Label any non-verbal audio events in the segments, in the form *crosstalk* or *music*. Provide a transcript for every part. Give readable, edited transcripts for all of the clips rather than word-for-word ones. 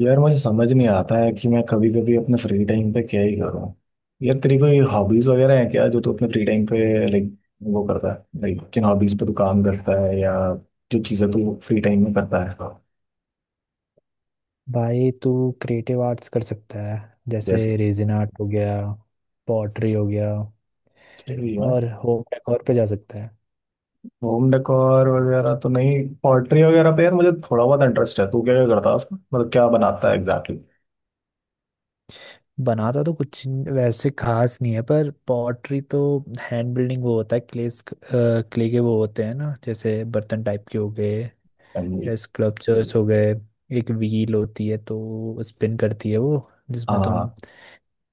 यार मुझे समझ नहीं आता है कि मैं कभी कभी अपने फ्री टाइम पे क्या ही करूँ। यार तेरी कोई हॉबीज वगैरह है क्या जो तू अपने फ्री टाइम पे लाइक वो करता है? लाइक किन हॉबीज पे तू काम करता है या जो चीज़ें तू फ्री टाइम में करता है? भाई तू क्रिएटिव आर्ट्स कर सकता है। जैसे जैसे रेजिन आर्ट हो गया, पॉटरी हो गया सही है। और होम डेकोर पे जा सकता है। होम डेकोर वगैरह तो नहीं। पॉटरी वगैरह पे यार मुझे थोड़ा बहुत इंटरेस्ट है। तू क्या क्या करता है उसमें? मतलब क्या बनाता है एग्जैक्टली? बनाता तो कुछ वैसे खास नहीं है, पर पॉटरी तो हैंड बिल्डिंग वो होता है। क्ले क्ले के वो होते हैं ना, जैसे बर्तन टाइप के हो गए या स्कल्पचर्स हो गए। एक व्हील होती है तो स्पिन करती है वो, जिसमें तुम हाँ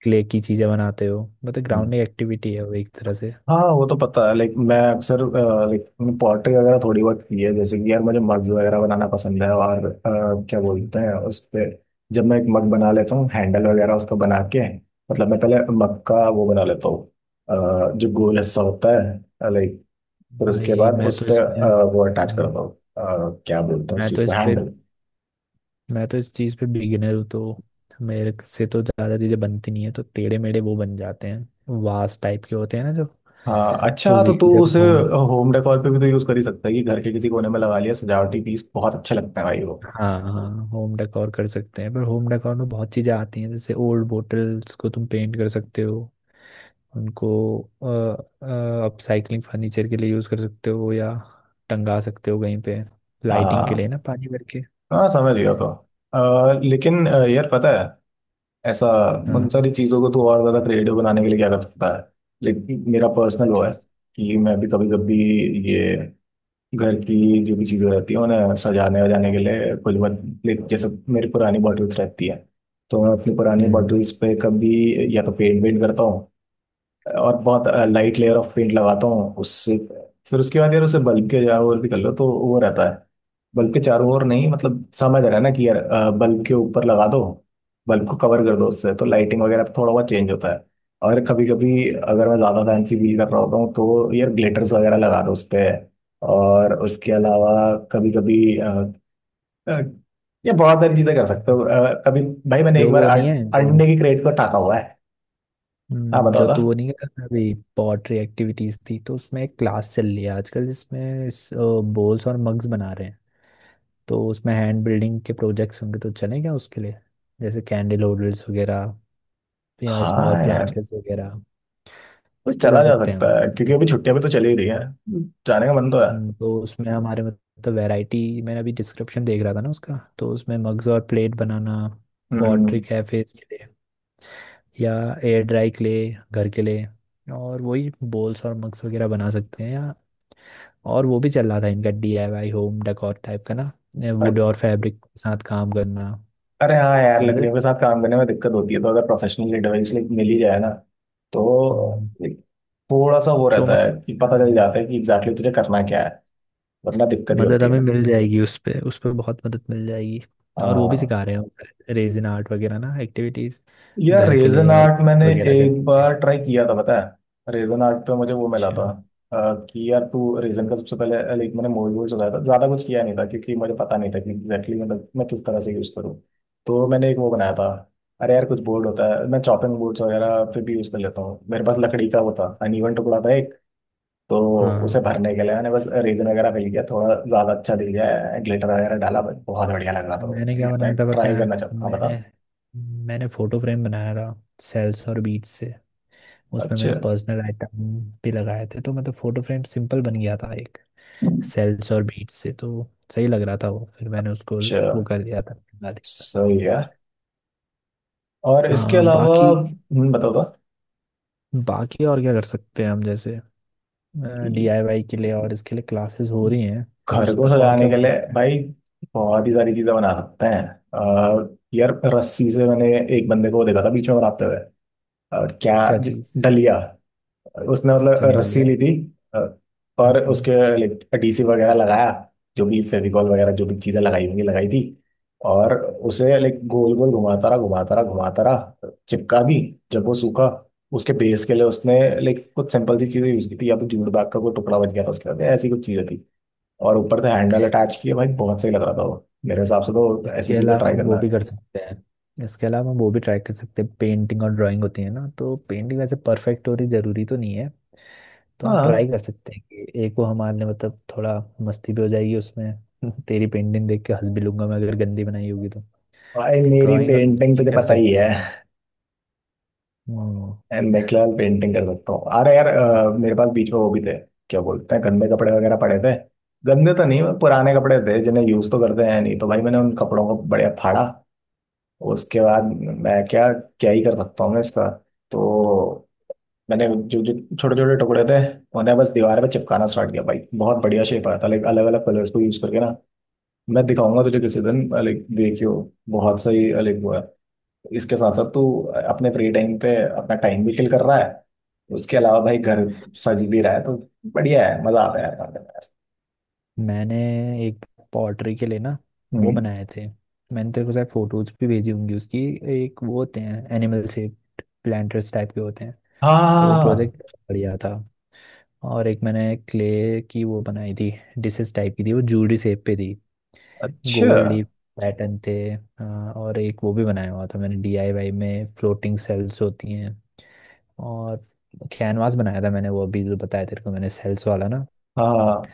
क्ले की चीज़ें बनाते हो। मतलब ग्राउंडिंग एक्टिविटी है वो एक तरह से। हाँ वो तो पता है। लाइक मैं अक्सर लाइक पॉटरी वगैरह थोड़ी बहुत की है। जैसे कि यार मुझे मग्स वगैरह बनाना पसंद है। और क्या हम्म। बोलते हैं उस पे, जब मैं एक मग बना लेता हूँ, हैंडल वगैरह उसको बना के। मतलब मैं पहले मग का वो बना लेता हूँ, जो गोल हिस्सा होता है लाइक। फिर उसके भाई बाद मैं उस तो पे इसमें वो अटैच करता हूँ। क्या बोलते हैं उस मैं तो चीज़ को, इस पे हैंडल। मैं तो इस चीज़ पे बिगिनर हूँ, तो मेरे से तो ज़्यादा चीज़ें बनती नहीं है। तो टेढ़े मेढ़े वो बन जाते हैं, वास टाइप के होते हैं ना जो। हाँ तो अच्छा तो तू व्हील जब उसे होम। होम डेकोर पे भी तो यूज़ कर ही सकता है कि घर के किसी कोने में लगा लिया, सजावटी पीस बहुत अच्छा लगता है भाई वो। हाँ हाँ, होम डेकोर कर सकते हैं, पर होम डेकोर में बहुत चीज़ें आती हैं। जैसे ओल्ड बोटल्स को तुम पेंट कर सकते हो, उनको अपसाइकलिंग फर्नीचर के लिए यूज़ कर सकते हो या टंगा सकते हो कहीं पे लाइटिंग के हाँ लिए ना, पानी भर के। हाँ, समझ गया। तो लेकिन यार पता है, ऐसा उन हाँ, सारी चीज़ों को तो और ज़्यादा क्रिएटिव बनाने के लिए क्या कर सकता है? लेकिन मेरा पर्सनल वो है अच्छा। कि मैं भी कभी कभी ये घर की जो भी चीज़ें रहती हैं उन्हें सजाने वजाने के लिए कुछ मत। लाइक जैसे मेरी पुरानी बॉटल्स रहती है, तो मैं अपनी पुरानी हम्म बॉटल्स पे कभी या तो पेंट वेंट करता हूँ, और बहुत लाइट लेयर ऑफ पेंट लगाता हूँ उससे। फिर उसके बाद यार उसे बल्ब के चारों ओर भी कर लो तो वो रहता है। बल्ब के चारों ओर नहीं, मतलब समझ रहा है ना कि यार बल्ब के ऊपर लगा दो, बल्ब को कवर कर दो उससे, तो लाइटिंग वगैरह पे थोड़ा बहुत चेंज होता है। और कभी कभी अगर मैं ज़्यादा फैंसी फील कर रहा होता हूँ तो यार ग्लिटर्स वगैरह लगा दो उस पर। और उसके अलावा कभी कभी ये बहुत सारी चीज़ें कर सकते हो। कभी भाई मैंने एक जो बार वो नहीं है जो, अंडे की क्रेट को टाका हुआ है। हाँ बताओ जो था। तू वो नहीं कह रहा था अभी, पॉटरी एक्टिविटीज थी तो उसमें एक क्लास चल रही है आजकल जिसमें बोल्स और मग्स बना रहे हैं। तो उसमें हैंड बिल्डिंग के प्रोजेक्ट्स होंगे, तो चलें क्या उसके लिए। जैसे कैंडल होल्डर्स वगैरह या स्मॉल हाँ यार, प्लांटर्स वगैरह। तो उस पर चला जा जा सकते हैं सकता हम। है क्योंकि अभी छुट्टियां भी तो चली ही रही है। जाने का मन तो है। तो उसमें हमारे मतलब वैरायटी, मैंने अभी डिस्क्रिप्शन देख रहा था ना उसका, तो उसमें मग्स और प्लेट बनाना, पॉटरी हम्म। कैफेज या एयर ड्राई क्ले घर के लिए, और वही बोल्स और मग्स वगैरह बना सकते हैं। या और वो भी चल रहा था इनका, डीआईवाई होम डेकोर टाइप का ना, वुड अ- और फैब्रिक के साथ काम करना। अरे हाँ यार, समझ रहे। लकड़ियों के साथ काम करने में दिक्कत होती है, तो अगर प्रोफेशनल एडवाइस मिल ही जाए ना, तो हम्म। एक थोड़ा सा वो तो रहता है मतलब कि पता चल जाता है कि एग्जैक्टली exactly तुझे करना क्या है, वरना दिक्कत ही मदद होती हमें है। मिल जाएगी। उस पे बहुत मदद मिल जाएगी। और वो भी हाँ सिखा रहे हैं रेजिन आर्ट वगैरह ना, एक्टिविटीज यार, घर के रेजन लिए और आर्ट गिफ्ट मैंने वगैरह करने एक के लिए। बार ट्राई किया था, पता है रेजन आर्ट पे मुझे वो मिला था, अच्छा। कि यार तू रेजन का सबसे पहले लाइक मैंने मोल्ड वोल्ड चलाया था, ज्यादा कुछ किया नहीं था क्योंकि मुझे पता नहीं था कि एग्जैक्टली मतलब मैं किस तरह से यूज करूँ। तो मैंने एक वो बनाया था। अरे यार कुछ बोर्ड होता है, मैं चॉपिंग बोर्ड्स वगैरह पे भी यूज कर लेता हूँ। मेरे पास लकड़ी का वो था, अनइवन टुकड़ा था एक, तो उसे हाँ, भरने के लिए मैंने बस रेजन वगैरह मिल गया थोड़ा, ज्यादा अच्छा दिख गया, ग्लिटर वगैरह डाला, बहुत बढ़िया लग रहा था वो। मैंने क्या बनाया मैं था पता ट्राई है? करना चाहता हाँ, बता। मैंने मैंने फोटो फ्रेम बनाया था सेल्स और बीज से। उसमें अच्छा मैंने पर्सनल आइटम भी लगाए थे, तो मतलब फोटो फ्रेम सिंपल बन गया था एक, सेल्स और बीज से। तो सही लग रहा था वो। फिर मैंने उसको अच्छा। वो कर दिया था, बना दिया था। सही है। और इसके हाँ अलावा बाकी बताओ तो। बाकी और क्या कर सकते हैं हम, जैसे डीआईवाई के लिए, और इसके लिए क्लासेस हो रही हैं तो घर को इसमें और सजाने क्या के हो लिए सकता है। भाई बहुत ही सारी चीजें बना सकते हैं। यार रस्सी से मैंने एक बंदे को देखा था बीच में बनाते हुए, और क्या क्या चीज़? डलिया। उसने मतलब रस्सी चंदलिया। ली थी, अ, और उसके लाइक डीसी वगैरह लगाया, जो भी फेविकॉल वगैरह जो भी चीजें लगाई होंगी लगाई थी, और उसे लाइक गोल गोल घुमाता रहा घुमाता रहा घुमाता रहा चिपका दी। जब वो सूखा, उसके बेस के लिए उसने लाइक कुछ सिंपल सी चीजें यूज की थी, या तो जूट बैग का कोई टुकड़ा बच गया था उसके बाद, ऐसी कुछ चीजें थी। और ऊपर से हैंडल अटैच किए, भाई बहुत सही लग रहा था वो, मेरे हिसाब से तो ऐसी इसके चीजें अलावा ट्राई हम वो करना भी है। कर सकते हैं, इसके अलावा हम वो भी ट्राई कर सकते हैं, पेंटिंग और ड्राइंग होती है ना। तो पेंटिंग वैसे परफेक्ट हो रही जरूरी तो नहीं है। तो हम ट्राई हाँ कर सकते हैं कि एक वो हमारे मतलब थोड़ा मस्ती भी हो जाएगी उसमें। *laughs* तेरी पेंटिंग देख के हंस भी लूंगा मैं, अगर गंदी बनाई होगी तो। भाई, मेरी ड्राइंग और पेंटिंग पेंटिंग तुझे कर पता ही सकते है। हैं। हम्म, यार मैं फिलहाल पेंटिंग कर सकता हूँ। अरे यार मेरे पास बीच में वो भी थे, क्या बोलते हैं, गंदे कपड़े वगैरह पड़े थे। गंदे तो नहीं, पुराने कपड़े थे, जिन्हें यूज तो करते हैं नहीं, तो भाई मैंने उन कपड़ों को बढ़िया फाड़ा। उसके बाद मैं क्या क्या ही कर सकता हूँ मैं इसका? तो मैंने जो जो छोटे छोटे टुकड़े थे, उन्हें बस दीवार पे चिपकाना स्टार्ट किया। भाई बहुत बढ़िया शेप आया था, लाइक अलग अलग कलर्स को यूज करके ना। मैं दिखाऊंगा तुझे किसी दिन, लाइक देखियो, बहुत सही लाइक वो है। इसके साथ साथ तू अपने फ्री टाइम पे अपना टाइम भी किल कर रहा है, उसके अलावा भाई घर सज भी रहा है, तो बढ़िया है, मजा आता है यार खाने में। मैंने एक पॉटरी के लिए ना वो हम्म। बनाए थे। मैंने तेरे को शायद फोटोज भी भेजी होंगी उसकी। एक वो होते हैं एनिमल शेप, प्लांटर्स टाइप के होते हैं। तो वो हाँ। प्रोजेक्ट बढ़िया था। और एक मैंने क्ले की वो बनाई थी, डिशेस टाइप की थी वो, जूडी शेप पे थी। अच्छा। गोल्ड लीफ पैटर्न थे। हाँ, और एक वो भी बनाया हुआ था मैंने डीआईवाई में, फ्लोटिंग सेल्स होती हैं। और कैनवास बनाया था मैंने, वो अभी जो बताया तेरे को मैंने, सेल्स वाला ना। हाँ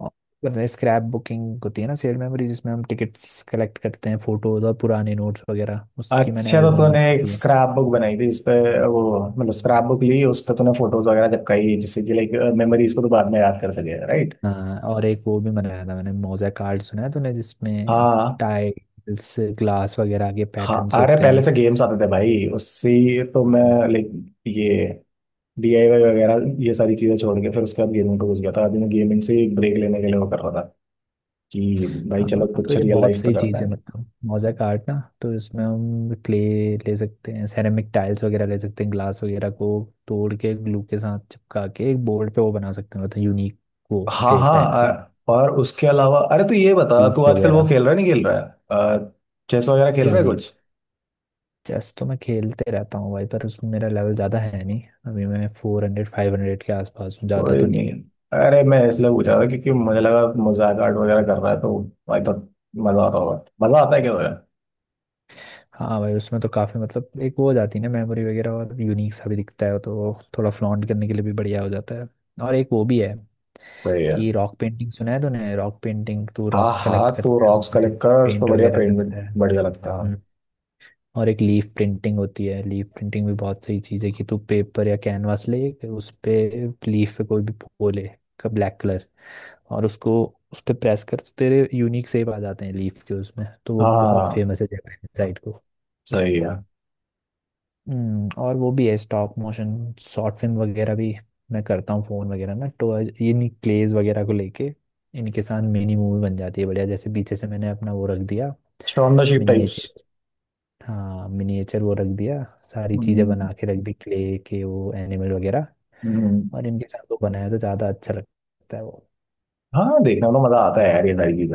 और स्क्रैप बुकिंग होती है ना, शेयर मेमोरी जिसमें हम टिकट्स कलेक्ट करते हैं, फोटोज और पुराने नोट्स वगैरह, उसकी मैंने अच्छा, तो एल्बम तूने बनाई एक थी। स्क्रैप बुक बनाई थी जिसपे वो, मतलब स्क्रैप बुक ली, उस पे तूने फोटोज वगैरह चिपकाई, जिससे कि लाइक हम्म, मेमोरीज को तो बाद में याद कर सके, राइट? हाँ, और एक वो भी बनाया था मैंने, मोज़ेक आर्ट सुना है तूने, जिसमें हाँ टाइल्स ग्लास वगैरह के हाँ, पैटर्न्स अरे होते पहले हैं। से गेम्स आते थे भाई उससे, तो मैं हाँ लाइक ये डीआईवाई वगैरह ये सारी चीजें छोड़ के फिर उसके बाद गेमिंग पे घुस गया था। अभी मैं गेमिंग से ब्रेक लेने के लिए वो कर रहा था कि भाई हाँ, चलो तो कुछ ये रियल बहुत लाइफ पे सही करते चीज़ है, हैं। मतलब मोज़ेक आर्ट ना। तो इसमें हम क्ले ले सकते हैं, सेरेमिक टाइल्स वगैरह ले सकते हैं, ग्लास वगैरह को तोड़ के ग्लू के साथ चिपका के एक बोर्ड पे वो बना सकते हैं, मतलब यूनिक वो हाँ सेप टाइप हाँ के। और उसके अलावा अरे, तो ये बता तू hoops आजकल वो वगैरह। खेल रहा है नहीं खेल रहा है? अ, चेस वगैरह खेल क्या रहा है जी? कुछ? चेस तो मैं खेलते रहता हूँ भाई, पर उसमें मेरा लेवल ज़्यादा है नहीं। अभी मैं 400 500 के आसपास हूँ, ज़्यादा कोई तो नहीं है। नहीं, अरे मैं इसलिए पूछा था क्योंकि मुझे लगा मजाक आर्ट वगैरह कर रहा है तो आई थॉट मजा आता होगा। मजा आता है क्या तुझे? हाँ भाई, उसमें तो काफ़ी मतलब एक वो हो जाती है ना, मेमोरी वगैरह, और यूनिक सा भी दिखता है, तो वो थोड़ा फ्लॉन्ट करने के लिए भी बढ़िया हो जाता है। और एक वो भी है सही है। कि रॉक पेंटिंग, सुना है तूने रॉक पेंटिंग? तू हाँ रॉक्स हाँ, कलेक्ट तो करता है, रॉक्स उसमें कलेक्ट कर उस पर पेंट बढ़िया वगैरह करता पेंट है। बढ़िया लगता है। हम्म, और एक लीफ प्रिंटिंग होती है। लीफ प्रिंटिंग भी बहुत सही चीज़ है कि तू पेपर या कैनवास ले, कि उस पे लीफ पे कोई भी वो ले, का ब्लैक कलर, और उसको उस पे प्रेस कर, तो तेरे यूनिक शेप आ जाते हैं लीफ के उसमें। तो वो भी बहुत हाँ। फेमस है जापान साइड को। सही है। और वो भी है स्टॉप मोशन, शॉर्ट फिल्म वगैरह भी मैं करता हूँ फोन वगैरह ना। तो इन्हीं क्लेज वगैरह को लेके, इनके साथ मिनी मूवी बन जाती है बढ़िया। जैसे पीछे से मैंने अपना वो रख दिया stone the ship types. Miniature. हाँ मिनिएचर वो रख दिया, सारी चीज़ें हम्म। बना के रख दी, क्ले के वो एनिमल वगैरह, हम्म। और इनके साथ वो बनाया तो ज़्यादा अच्छा लगता है वो। हाँ देखने में तो मजा आता है यार ये सारी,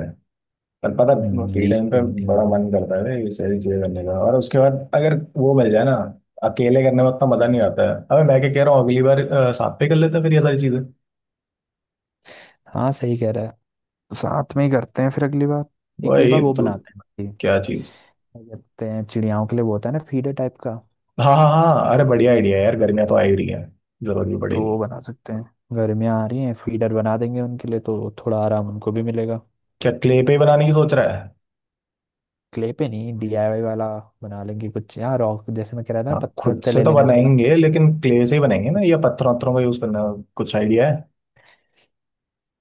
पर पता है, फ्री लीफ टाइम पे पेंटिंग बड़ा मन वगैरह। करता है ना ये सारी चीजें करने का, और उसके बाद अगर वो मिल जाए ना, अकेले करने में उतना मजा नहीं आता है। अबे मैं क्या कह रहा हूँ, अगली बार साथ पे कर लेते हैं फिर ये सारी चीजें। हाँ सही कह रहा है, साथ में ही करते हैं फिर अगली बार। अगली वही बार वो तो। बनाते हैं बाकी। क्या चीज? क्या कहते हैं चिड़ियाओं के लिए वो होता है ना, फीडर टाइप का। हाँ हाँ हाँ अरे, बढ़िया आइडिया है यार, गर्मियाँ तो आ ही रही है, जरूरत भी तो वो पड़ेगी। बना सकते हैं। गर्मियाँ आ रही हैं, फीडर बना देंगे उनके लिए, तो थोड़ा आराम उनको भी मिलेगा। क्या क्ले पे ही बनाने की सोच रहा है? क्ले पे नहीं, डीआईवाई वाला बना लेंगे कुछ। यहाँ रॉक, जैसे मैं कह रहा था ना, हाँ पत्थर खुद वत्थर से ले तो लेंगे थोड़ा। बनाएंगे, लेकिन क्ले से ही बनाएंगे ना या पत्थरों वत्थरों का यूज करना? कुछ आइडिया है?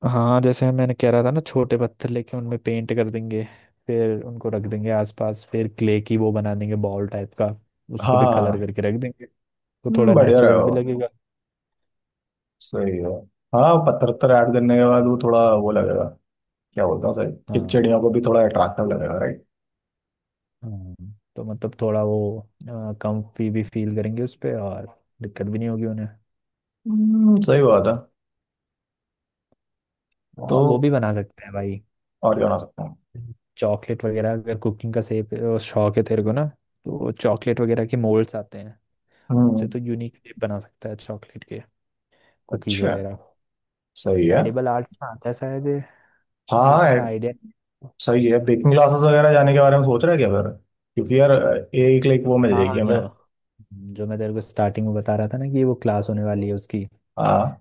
हाँ जैसे मैंने कह रहा था ना, छोटे पत्थर लेके उनमें पेंट कर देंगे, फिर उनको रख देंगे आसपास। फिर क्ले की वो बना देंगे बॉल टाइप का, उसको हाँ भी कलर हाँ। करके रख देंगे। तो थोड़ा बढ़िया रहे नेचुरल भी हो। लगेगा। सही है। हाँ पत्थर वत्थर ऐड करने के बाद वो थोड़ा वो लगेगा, क्या बोलता हूँ सर, एक हाँ चिड़िया को भी थोड़ा अट्रैक्टिव लगेगा, राइट? हाँ, तो मतलब थोड़ा वो, कंफी भी फील करेंगे उस पे, और दिक्कत भी नहीं होगी उन्हें। हम्म, सही बात है। तो और वो भी बना सकते हैं भाई, और क्या बना सकता हूँ? चॉकलेट वगैरह, अगर कुकिंग का शौक है तेरे को ना। तो चॉकलेट वगैरह के मोल्ड्स आते हैं, उससे हम्म। तो यूनिक शेप बना सकता है चॉकलेट के, कुकीज़ अच्छा। वगैरह। सही है। एडिबल आर्ट्स में आता है शायद ये, मुझे हाँ इतना आइडिया नहीं। सही है। बेकिंग क्लासेस वगैरह जाने के बारे में सोच रहा है क्या फिर? क्योंकि यार एक लाइक वो मिल हाँ जाएगी हाँ, हमें। जो जो मैं तेरे को स्टार्टिंग में बता रहा था ना कि वो क्लास होने वाली है उसकी, हाँ।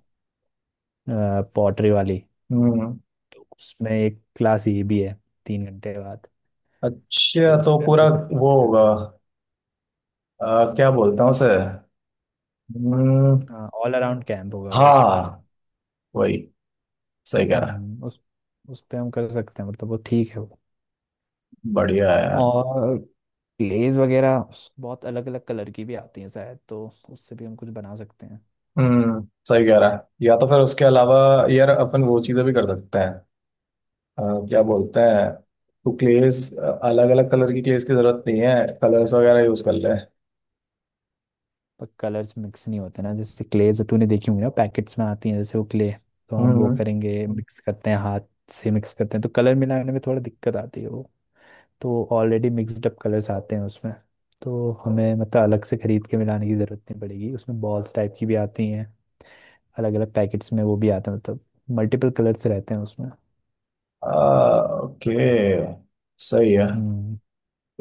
पॉटरी वाली। हम्म। तो उसमें एक क्लास ये भी है, 3 घंटे बाद। अच्छा तो उस तो पे हम पूरा वो कर वो सकते हैं। होगा? क्या बोलता हूँ सर। हम्म। हाँ, ऑल अराउंड कैंप होगा वो शायद। हाँ वही, सही कह रहा हम्म, उस उस पे हम कर सकते हैं, मतलब वो ठीक है। है। बढ़िया है यार। और क्लेज वगैरह बहुत अलग अलग कलर की भी आती हैं शायद, तो उससे भी हम कुछ बना सकते हैं। हम्म, सही कह रहा है। या तो फिर उसके अलावा यार अपन वो चीजें भी कर सकते हैं। अ, क्या क्या? बोलते हैं, तो क्लेस अलग अलग कलर की क्लेस की जरूरत नहीं है, कलर्स वगैरह यूज कर ले। पर कलर्स मिक्स नहीं होते ना, जैसे क्लेज तूने देखी होंगी ना, पैकेट्स में आती हैं जैसे वो क्ले। तो हम वो हम्म। करेंगे, मिक्स करते हैं हाथ से, मिक्स करते हैं तो कलर मिलाने में थोड़ा दिक्कत आती है वो। तो ऑलरेडी मिक्सड अप कलर्स आते हैं उसमें। तो हमें मतलब अलग से खरीद के मिलाने की ज़रूरत नहीं पड़ेगी उसमें। बॉल्स टाइप की भी आती हैं अलग अलग पैकेट्स में, वो भी आते हैं मतलब मल्टीपल कलर्स रहते हैं उसमें। ओके। सही है। हम्म।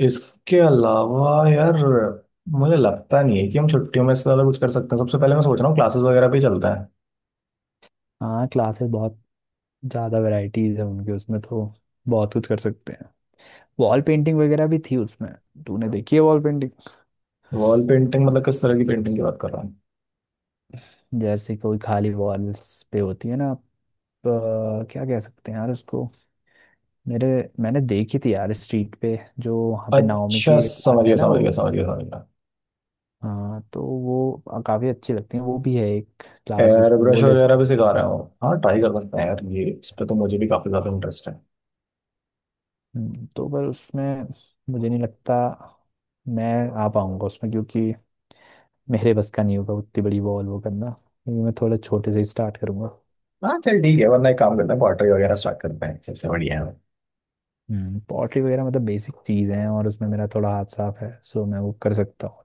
इसके अलावा यार मुझे लगता नहीं है कि हम छुट्टियों में इससे ज्यादा कुछ कर सकते हैं। सबसे पहले मैं सोच रहा हूँ क्लासेस वगैरह पे ही चलता है। हाँ, क्लासेस बहुत ज़्यादा वैरायटीज है उनके, उसमें तो बहुत कुछ कर सकते हैं। वॉल पेंटिंग वगैरह भी थी उसमें। तूने देखी है वॉल पेंटिंग? वॉल पेंटिंग मतलब किस तरह की पेंटिंग की बात कर रहा हूँ? जैसे कोई खाली वॉल्स पे होती है ना आप, क्या कह सकते हैं यार उसको। मेरे मैंने देखी थी यार स्ट्रीट पे, जो वहाँ पे नाओमी की अच्छा, एक समझ क्लास है गया ना समझ गया वो। समझ गया समझ गया। हाँ तो वो काफी अच्छी लगती है। वो भी है एक क्लास एयर उसमें, वो ब्रश ले वगैरह सकते भी सिखा हैं। रहे हो? हाँ ट्राई कर सकते हैं यार, ये इस पे तो मुझे भी काफी ज्यादा इंटरेस्ट है। तो पर उसमें मुझे नहीं लगता मैं आ पाऊंगा उसमें, क्योंकि मेरे बस का नहीं होगा उतनी बड़ी वॉल वो करना, क्योंकि मैं थोड़ा छोटे से ही स्टार्ट करूंगा। हाँ चल ठीक है, वरना एक काम करते हैं पॉटरी वगैरह स्टार्ट करते हैं, सबसे बढ़िया है। हम्म, पॉटरी वगैरह मतलब बेसिक चीज़ है, और उसमें मेरा थोड़ा हाथ साफ है, सो मैं वो कर सकता हूँ।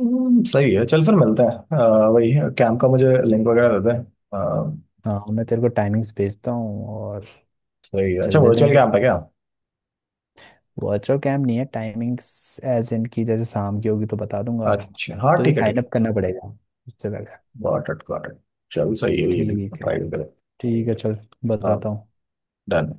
सही है। चल फिर मिलते हैं। वही कैंप का मुझे लिंक वगैरह देते हैं। हाँ, और मैं तेरे को टाइमिंग्स भेजता हूँ, और सही है। अच्छा चल देते हैं वर्चुअल फिर। कैंप है क्या? वर्चुअल कैम्प नहीं है, टाइमिंग्स एज इन की, जैसे शाम की होगी तो बता दूंगा। अच्छा, हाँ तुझे ठीक है ठीक साइन है। अप करना पड़ेगा उससे पहले। Got it got it. चल सही है, ये भी ठीक है। ट्राई करें। ठीक है चल, बताता हूँ। डन।